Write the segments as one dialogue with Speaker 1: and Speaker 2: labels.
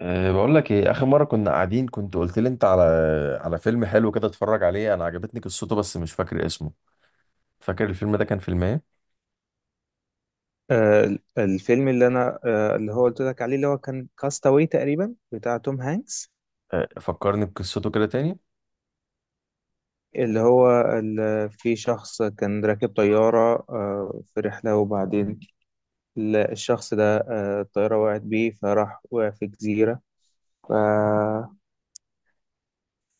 Speaker 1: بقول لك ايه، اخر مره كنا قاعدين كنت قلت لي انت على فيلم حلو كده اتفرج عليه. انا عجبتني قصته بس مش فاكر اسمه. فاكر الفيلم ده كان فيلم ايه؟
Speaker 2: الفيلم اللي انا اللي هو قلت لك عليه اللي هو كان كاستاوي تقريبا بتاع توم هانكس.
Speaker 1: فكرني بقصته كده تاني.
Speaker 2: اللي هو في شخص كان راكب طيارة في رحلة، وبعدين الشخص ده الطيارة وقعت بيه فراح وقع في جزيرة. ف...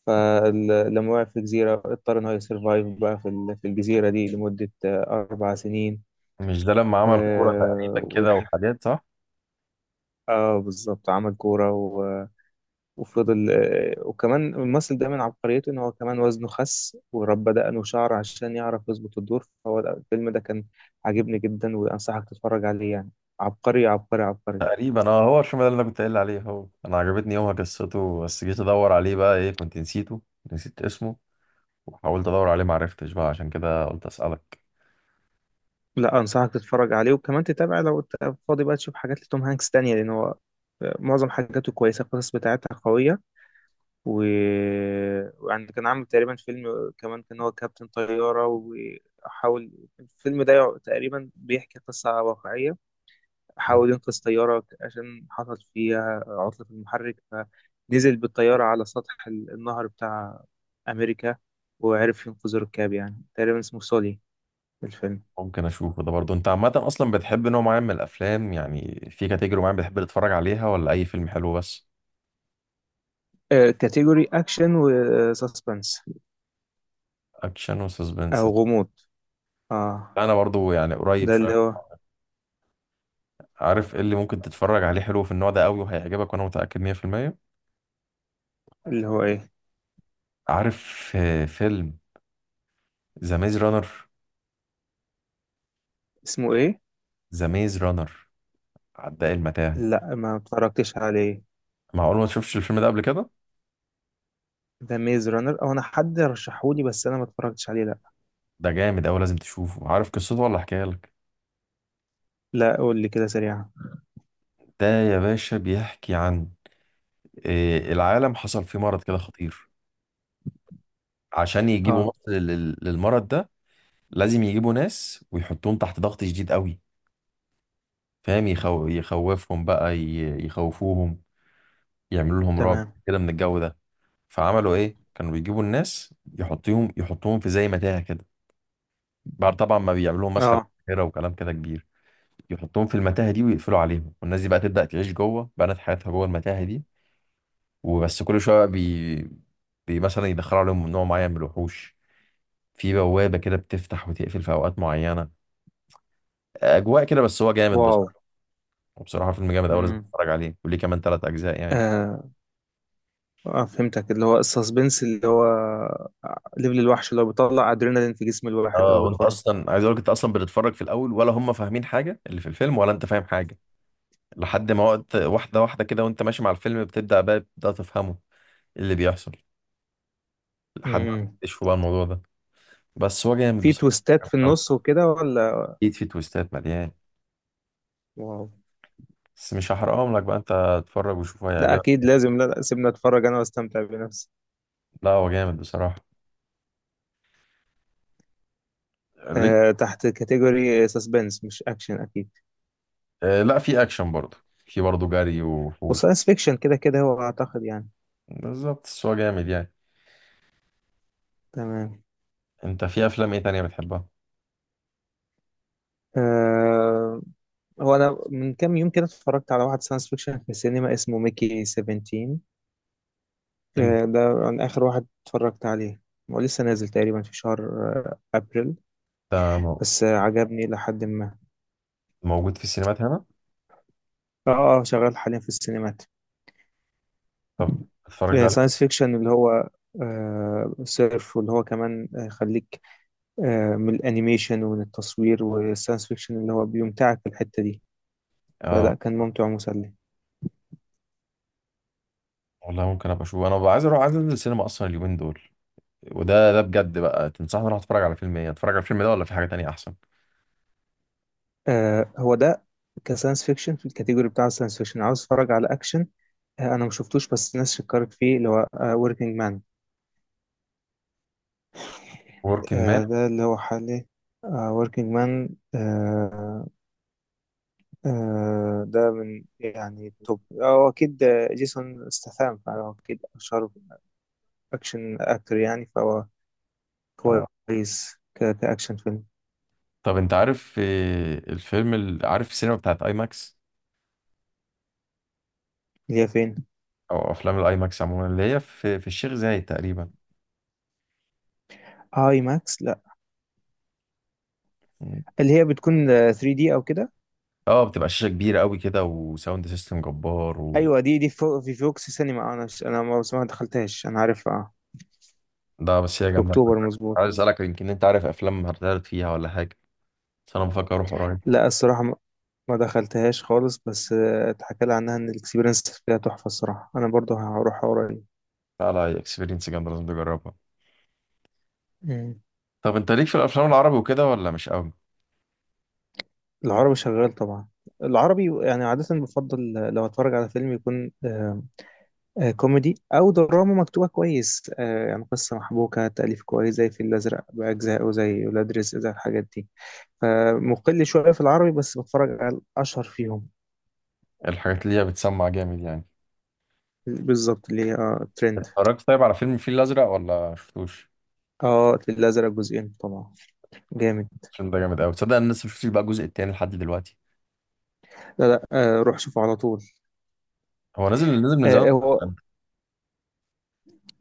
Speaker 2: فلما وقع في جزيرة اضطر إن هو يسرفايف بقى في الجزيرة دي لمدة أربع سنين.
Speaker 1: مش ده لما
Speaker 2: ف-
Speaker 1: عمل كوره تقريبا كده
Speaker 2: ويح-
Speaker 1: وحاجات، صح؟
Speaker 2: اه، بالظبط، عمل كورة. وفضل، وكمان الممثل ده من عبقريته ان هو كمان وزنه خس وربى دقنه شعر عشان يعرف يظبط الدور. فهو الفيلم ده كان عاجبني جدا، وانصحك تتفرج عليه يعني. عبقري، عبقري، عبقري.
Speaker 1: تقريبا، هو الفيلم ده اللي انا كنت قايل عليه. هو انا عجبتني يومها قصته بس جيت ادور عليه بقى ايه، كنت نسيته، نسيت اسمه. وحاولت ادور عليه معرفتش بقى، عشان كده قلت اسالك.
Speaker 2: لا، انصحك تتفرج عليه وكمان تتابع لو انت فاضي بقى تشوف حاجات لتوم هانكس تانية، لان هو معظم حاجاته كويسة، القصص بتاعتها قوية. و... ويعني كان عامل تقريبا فيلم كمان، كان هو كابتن طيارة وحاول الفيلم ده تقريبا بيحكي قصة واقعية. حاول ينقذ طيارة عشان حصل فيها عطلة في المحرك، فنزل بالطيارة على سطح النهر بتاع أمريكا، وعرف ينقذ الركاب. يعني تقريبا اسمه سولي الفيلم.
Speaker 1: ممكن اشوفه ده برضه. انت عامه اصلا بتحب نوع معين من الافلام؟ يعني في كاتيجوري معين بتحب تتفرج عليها ولا اي فيلم حلو بس؟
Speaker 2: كاتيجوري أكشن وسسبنس،
Speaker 1: اكشن وسسبنس.
Speaker 2: أو غموض. اه،
Speaker 1: انا برضه يعني قريب
Speaker 2: ده اللي
Speaker 1: شويه.
Speaker 2: هو.
Speaker 1: عارف ايه اللي ممكن تتفرج عليه حلو في النوع ده قوي وهيعجبك وانا متاكد 100%؟
Speaker 2: اللي هو إيه؟
Speaker 1: عارف فيلم ذا ميز رانر؟
Speaker 2: اسمه إيه؟
Speaker 1: ذا ميز رانر، عداء المتاهه.
Speaker 2: لا، ما اتفرجتش عليه.
Speaker 1: معقول ما تشوفش الفيلم ده قبل كده؟
Speaker 2: ده ميز رانر؟ أو أنا حد رشحهولي، بس أنا ما اتفرجتش عليه، لا.
Speaker 1: ده جامد قوي لازم تشوفه. عارف قصته ولا احكيها لك؟
Speaker 2: لا، قول لي كده سريعا.
Speaker 1: ده يا باشا بيحكي عن العالم حصل فيه مرض كده خطير. عشان يجيبوا
Speaker 2: اه.
Speaker 1: مصل للمرض ده لازم يجيبوا ناس ويحطوهم تحت ضغط شديد قوي، فاهم؟ يخوفهم بقى، يخوفوهم، يعملوا لهم رعب
Speaker 2: تمام.
Speaker 1: كده من الجو ده. فعملوا ايه، كانوا بيجيبوا الناس يحطوهم في زي متاهة كده، بعد طبعا ما بيعملوا لهم مسح
Speaker 2: اه.
Speaker 1: بحيرة وكلام كده كبير. يحطوهم في المتاهة دي ويقفلوا عليهم، والناس دي بقى تبدأ تعيش جوه، بنت حياتها جوه المتاهة دي. وبس كل شوية بقى بي... بي مثلا يدخلوا عليهم نوع معين من الوحوش، في بوابة كده بتفتح وتقفل في أوقات معينة. أجواء كده، بس هو جامد بس.
Speaker 2: واو.
Speaker 1: وبصراحه فيلم جامد قوي لازم
Speaker 2: مم.
Speaker 1: تتفرج عليه، وليه كمان ثلاث اجزاء يعني.
Speaker 2: آه. اه، فهمتك. اللي هو السسبنس، اللي هو ليفل الوحش، اللي هو بيطلع ادرينالين في جسم الواحد
Speaker 1: اه
Speaker 2: او
Speaker 1: وانت
Speaker 2: بيتفرج.
Speaker 1: اصلا، عايز اقول لك، انت اصلا بتتفرج في الاول ولا هم فاهمين حاجه اللي في الفيلم، ولا انت فاهم حاجه لحد ما وقت واحده واحده كده وانت ماشي مع الفيلم بتبدا بقى تفهمه. إيه اللي بيحصل لحد ما
Speaker 2: امم.
Speaker 1: تكتشفوا بقى الموضوع ده. بس هو جامد
Speaker 2: في
Speaker 1: بصراحه.
Speaker 2: تويستات في النص وكده ولا؟
Speaker 1: اكيد في تويستات مليان،
Speaker 2: واو.
Speaker 1: بس مش هحرقهم لك بقى، انت اتفرج وشوف
Speaker 2: لا،
Speaker 1: هيعجبك.
Speaker 2: اكيد لازم. لا، لا، سيبنا اتفرج انا واستمتع بنفسي.
Speaker 1: لا هو جامد بصراحه. ليه؟
Speaker 2: أه، تحت كاتيجوري سسبنس، مش اكشن اكيد.
Speaker 1: لا، في اكشن برضه. في برضه جري وحوش.
Speaker 2: وساينس فيكشن كده كده، هو اعتقد يعني.
Speaker 1: بالظبط، بس هو جامد يعني.
Speaker 2: تمام.
Speaker 1: انت في افلام ايه تانية بتحبها؟
Speaker 2: أه. هو انا من كام يوم كده اتفرجت على واحد ساينس فيكشن في السينما اسمه ميكي 17. أه ده عن اخر واحد اتفرجت عليه. هو لسه نازل تقريبا في شهر ابريل،
Speaker 1: ده
Speaker 2: بس عجبني إلى حد ما.
Speaker 1: موجود في السينمات هنا؟
Speaker 2: اه اه، شغال حاليا في السينمات.
Speaker 1: طب اتفرجت عليه؟
Speaker 2: ساينس فيكشن اللي هو صرف، واللي هو كمان يخليك من الانيميشن ومن التصوير والساينس فيكشن، اللي هو بيمتعك في الحتة دي.
Speaker 1: اه،
Speaker 2: فلا كان ممتع ومسلي.
Speaker 1: والله ممكن ابقى اشوفه. انا ببقى عايز اروح، عايز انزل السينما اصلا اليومين دول. وده بجد بقى تنصحني اروح اتفرج على فيلم ايه، اتفرج على الفيلم ده ولا في حاجه تانية احسن؟
Speaker 2: هو ده. كساينس فيكشن. في الكاتيجوري بتاع الساينس فيكشن عاوز اتفرج على اكشن. انا ما شفتوش، بس الناس شكرت فيه، اللي هو وركينج مان.
Speaker 1: وركن مان،
Speaker 2: Working Man. ده اللي هو حالي، وركينج مان. ده من يعني التوب، هو أكيد جيسون استثام، فهو أكيد أشهر أكشن أكتر يعني، فهو
Speaker 1: اه.
Speaker 2: كويس كأكشن فيلم.
Speaker 1: طب انت عارف الفيلم عارف السينما بتاعت اي ماكس؟
Speaker 2: اللي هي فين؟
Speaker 1: او افلام الاي ماكس عموما اللي هي في الشيخ زايد تقريبا.
Speaker 2: آي ماكس، لا.
Speaker 1: مم.
Speaker 2: اللي هي بتكون 3D أو كده.
Speaker 1: اه بتبقى شاشه كبيره قوي كده، وساوند سيستم جبار.
Speaker 2: أيوة، دي في فوكس سينما. أنا ما بس ما دخلتهاش، أنا عارفها
Speaker 1: وده بس هي
Speaker 2: في
Speaker 1: جامده.
Speaker 2: أكتوبر، مظبوط.
Speaker 1: عايز اسالك، يمكن انت عارف افلام هتعرض فيها ولا حاجه، بس انا بفكر اروح قريب.
Speaker 2: لا، الصراحة ما دخلتهاش خالص، بس اتحكى لي عنها إن الإكسبيرينس فيها تحفة. الصراحة أنا برضو هروح قريب.
Speaker 1: لا لا، اكسبيرينس جامدة لازم تجربها.
Speaker 2: مم.
Speaker 1: طب انت ليك في الافلام العربي وكده ولا مش قوي؟
Speaker 2: العربي شغال طبعا. العربي يعني عادة بفضل لو اتفرج على فيلم يكون كوميدي او دراما مكتوبة كويس، يعني قصة محبوكة، تأليف كويس، زي الفيل الأزرق بأجزائه، زي ولاد رزق، زي الحاجات دي. فمقل شوية في العربي، بس بتفرج على الأشهر فيهم.
Speaker 1: الحاجات اللي هي بتسمع جامد يعني.
Speaker 2: بالظبط، اللي هي ترند.
Speaker 1: اتفرجت طيب على فيلم الفيل الازرق ولا شفتوش؟
Speaker 2: اه، الفيل الأزرق جزئين طبعا. جامد.
Speaker 1: الفيلم ده جامد قوي، تصدق انا لسه مشفتش بقى الجزء التاني لحد دلوقتي.
Speaker 2: لا، لا، روح شوفه على طول.
Speaker 1: هو نزل من زمان.
Speaker 2: هو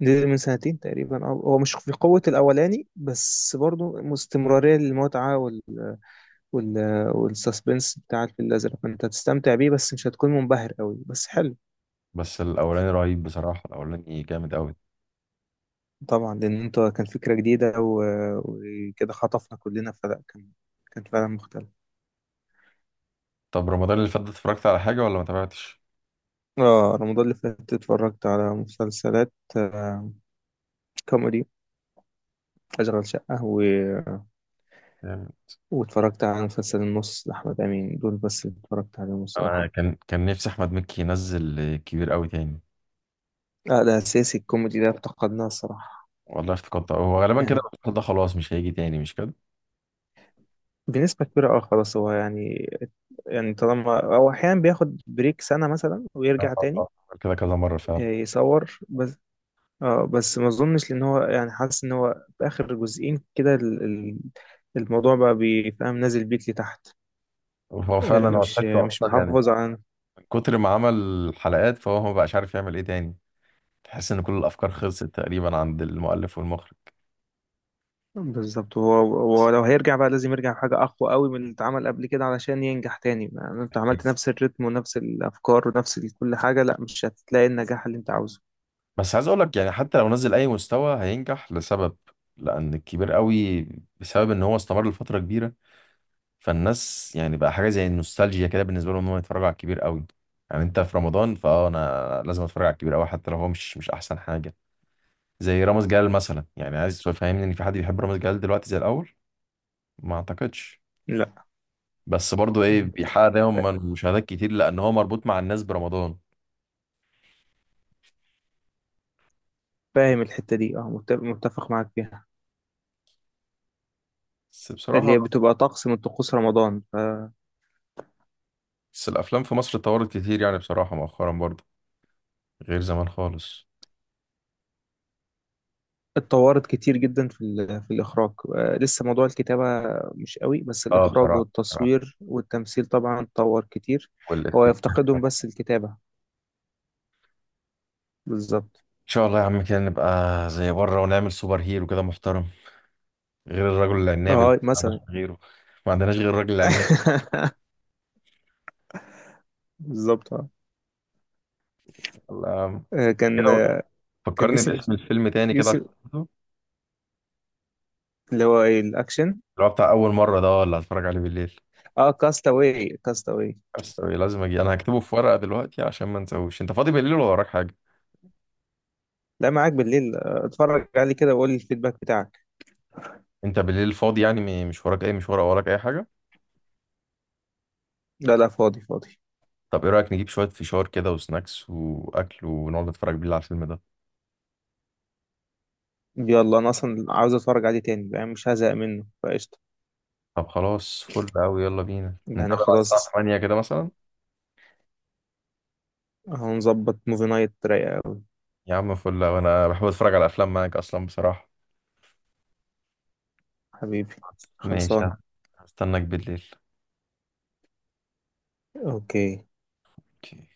Speaker 2: نزل من سنتين تقريبا. اه، هو مش في قوة الأولاني، بس برضه استمرارية للمتعة. وال... والسسبنس بتاع الفيل الأزرق، فأنت هتستمتع بيه، بس مش هتكون منبهر قوي، بس حلو.
Speaker 1: بس الاولاني رهيب بصراحة، الاولاني جامد قوي.
Speaker 2: طبعا، لأن أنت كان فكرة جديدة وكده خطفنا كلنا، فلا كان فعلا مختلف.
Speaker 1: طب رمضان اللي فات ده اتفرجت على حاجة ولا ما تابعتش؟
Speaker 2: اه، رمضان اللي فات اتفرجت على مسلسلات كوميدي، أشغال شقة
Speaker 1: يعني
Speaker 2: واتفرجت على مسلسل النص لأحمد أمين. دول بس اللي اتفرجت عليهم
Speaker 1: انا
Speaker 2: الصراحة.
Speaker 1: كان نفسي احمد مكي ينزل كبير قوي تاني.
Speaker 2: لا، ده أساسي، الكوميدي ده افتقدناه الصراحة.
Speaker 1: والله افتكرت هو غالبا كده
Speaker 2: يعني
Speaker 1: المسلسل ده خلاص مش هيجي تاني، مش كده؟
Speaker 2: بنسبة كبيرة. اه، خلاص. هو يعني، يعني طالما هو أحيانا بياخد بريك سنة مثلا
Speaker 1: آه،
Speaker 2: ويرجع
Speaker 1: آه،
Speaker 2: تاني
Speaker 1: آه. كده كذا مرة فعلا.
Speaker 2: يصور بس. اه، بس ما اظنش، لان هو يعني حاسس ان هو في اخر جزئين كده الموضوع بقى بيفهم نازل بيك لتحت.
Speaker 1: هو فعلا هو
Speaker 2: مش
Speaker 1: تحسه اصلا يعني
Speaker 2: محافظ على.
Speaker 1: من كتر ما عمل حلقات فهو ما بقاش عارف يعمل ايه تاني. تحس ان كل الافكار خلصت تقريبا عند المؤلف والمخرج.
Speaker 2: بالظبط، هو. هو لو هيرجع بقى لازم يرجع بحاجة اقوى قوي من اللي اتعمل قبل كده علشان ينجح تاني. يعني انت عملت نفس الريتم ونفس الافكار ونفس كل حاجة، لا مش هتلاقي النجاح اللي انت عاوزه.
Speaker 1: بس عايز اقول لك يعني حتى لو نزل اي مستوى هينجح لسبب، لان الكبير قوي بسبب ان هو استمر لفتره كبيره، فالناس يعني بقى حاجه زي النوستالجيا كده بالنسبه لهم ان هم يتفرجوا على الكبير قوي. يعني انت في رمضان، فاه انا لازم اتفرج على الكبير قوي حتى لو هو مش احسن حاجه. زي رامز جلال مثلا، يعني عايز تفهمني ان في حد بيحب رامز جلال دلوقتي زي الاول؟ ما اعتقدش.
Speaker 2: لا،
Speaker 1: بس برضو ايه، بيحقق دايما مشاهدات كتير لان هو مربوط مع الناس برمضان.
Speaker 2: فاهم الحتة دي. اه، متفق معاك فيها.
Speaker 1: بس
Speaker 2: اللي
Speaker 1: بصراحة،
Speaker 2: هي بتبقى طقس من طقوس رمضان.
Speaker 1: بس الافلام في مصر اتطورت كتير يعني بصراحة مؤخرا برضو، غير زمان خالص.
Speaker 2: اتطورت كتير جدا في الإخراج. لسه موضوع الكتابة مش قوي، بس
Speaker 1: اه،
Speaker 2: الإخراج
Speaker 1: بصراحة بصراحة.
Speaker 2: والتصوير والتمثيل طبعا اتطور كتير. هو
Speaker 1: والإفكت ان
Speaker 2: يفتقدهم بس الكتابة. بالظبط.
Speaker 1: شاء الله يا عم كده نبقى زي بره ونعمل سوبر هيرو كده محترم، غير الرجل العناب اللي
Speaker 2: اه
Speaker 1: ما عندناش
Speaker 2: مثلا.
Speaker 1: غيره. ما عندناش غير الرجل العناب.
Speaker 2: بالظبط، اه.
Speaker 1: الله.
Speaker 2: آه،
Speaker 1: كده
Speaker 2: كان آه، كان
Speaker 1: فكرني
Speaker 2: يوسف.
Speaker 1: باسم الفيلم تاني كده
Speaker 2: يوسف
Speaker 1: عشان أحفظه.
Speaker 2: اللي هو ايه الأكشن.
Speaker 1: اللي هو بتاع اول مرة ده اللي هتفرج عليه بالليل.
Speaker 2: اه، كاستاوي كاستاوي.
Speaker 1: بس لازم اجي، انا هكتبه في ورقة دلوقتي عشان ما انساهوش. انت فاضي بالليل ولا وراك حاجة؟
Speaker 2: لا، معاك بالليل اتفرج عليه كده وقول لي الفيدباك بتاعك.
Speaker 1: انت بالليل فاضي يعني مش وراك اي مشوار او وراك اي حاجه؟
Speaker 2: لا لا، فاضي فاضي.
Speaker 1: طب ايه رايك نجيب شويه فشار كده وسناكس واكل ونقعد نتفرج بالليل على الفيلم ده؟
Speaker 2: يلا، انا اصلا عاوز اتفرج عليه تاني، يعني مش هزهق منه، فقشطة.
Speaker 1: طب خلاص فل قوي، يلا بينا
Speaker 2: يعني
Speaker 1: نتقابل على الساعه
Speaker 2: خلاص،
Speaker 1: 8 كده مثلا.
Speaker 2: هنظبط موفي نايت رايقة أوي.
Speaker 1: يا عم فل، وانا بحب اتفرج على افلام معاك اصلا بصراحه.
Speaker 2: حبيبي،
Speaker 1: ماشي،
Speaker 2: خلصانة.
Speaker 1: هستناك بالليل.
Speaker 2: أوكي
Speaker 1: اوكي.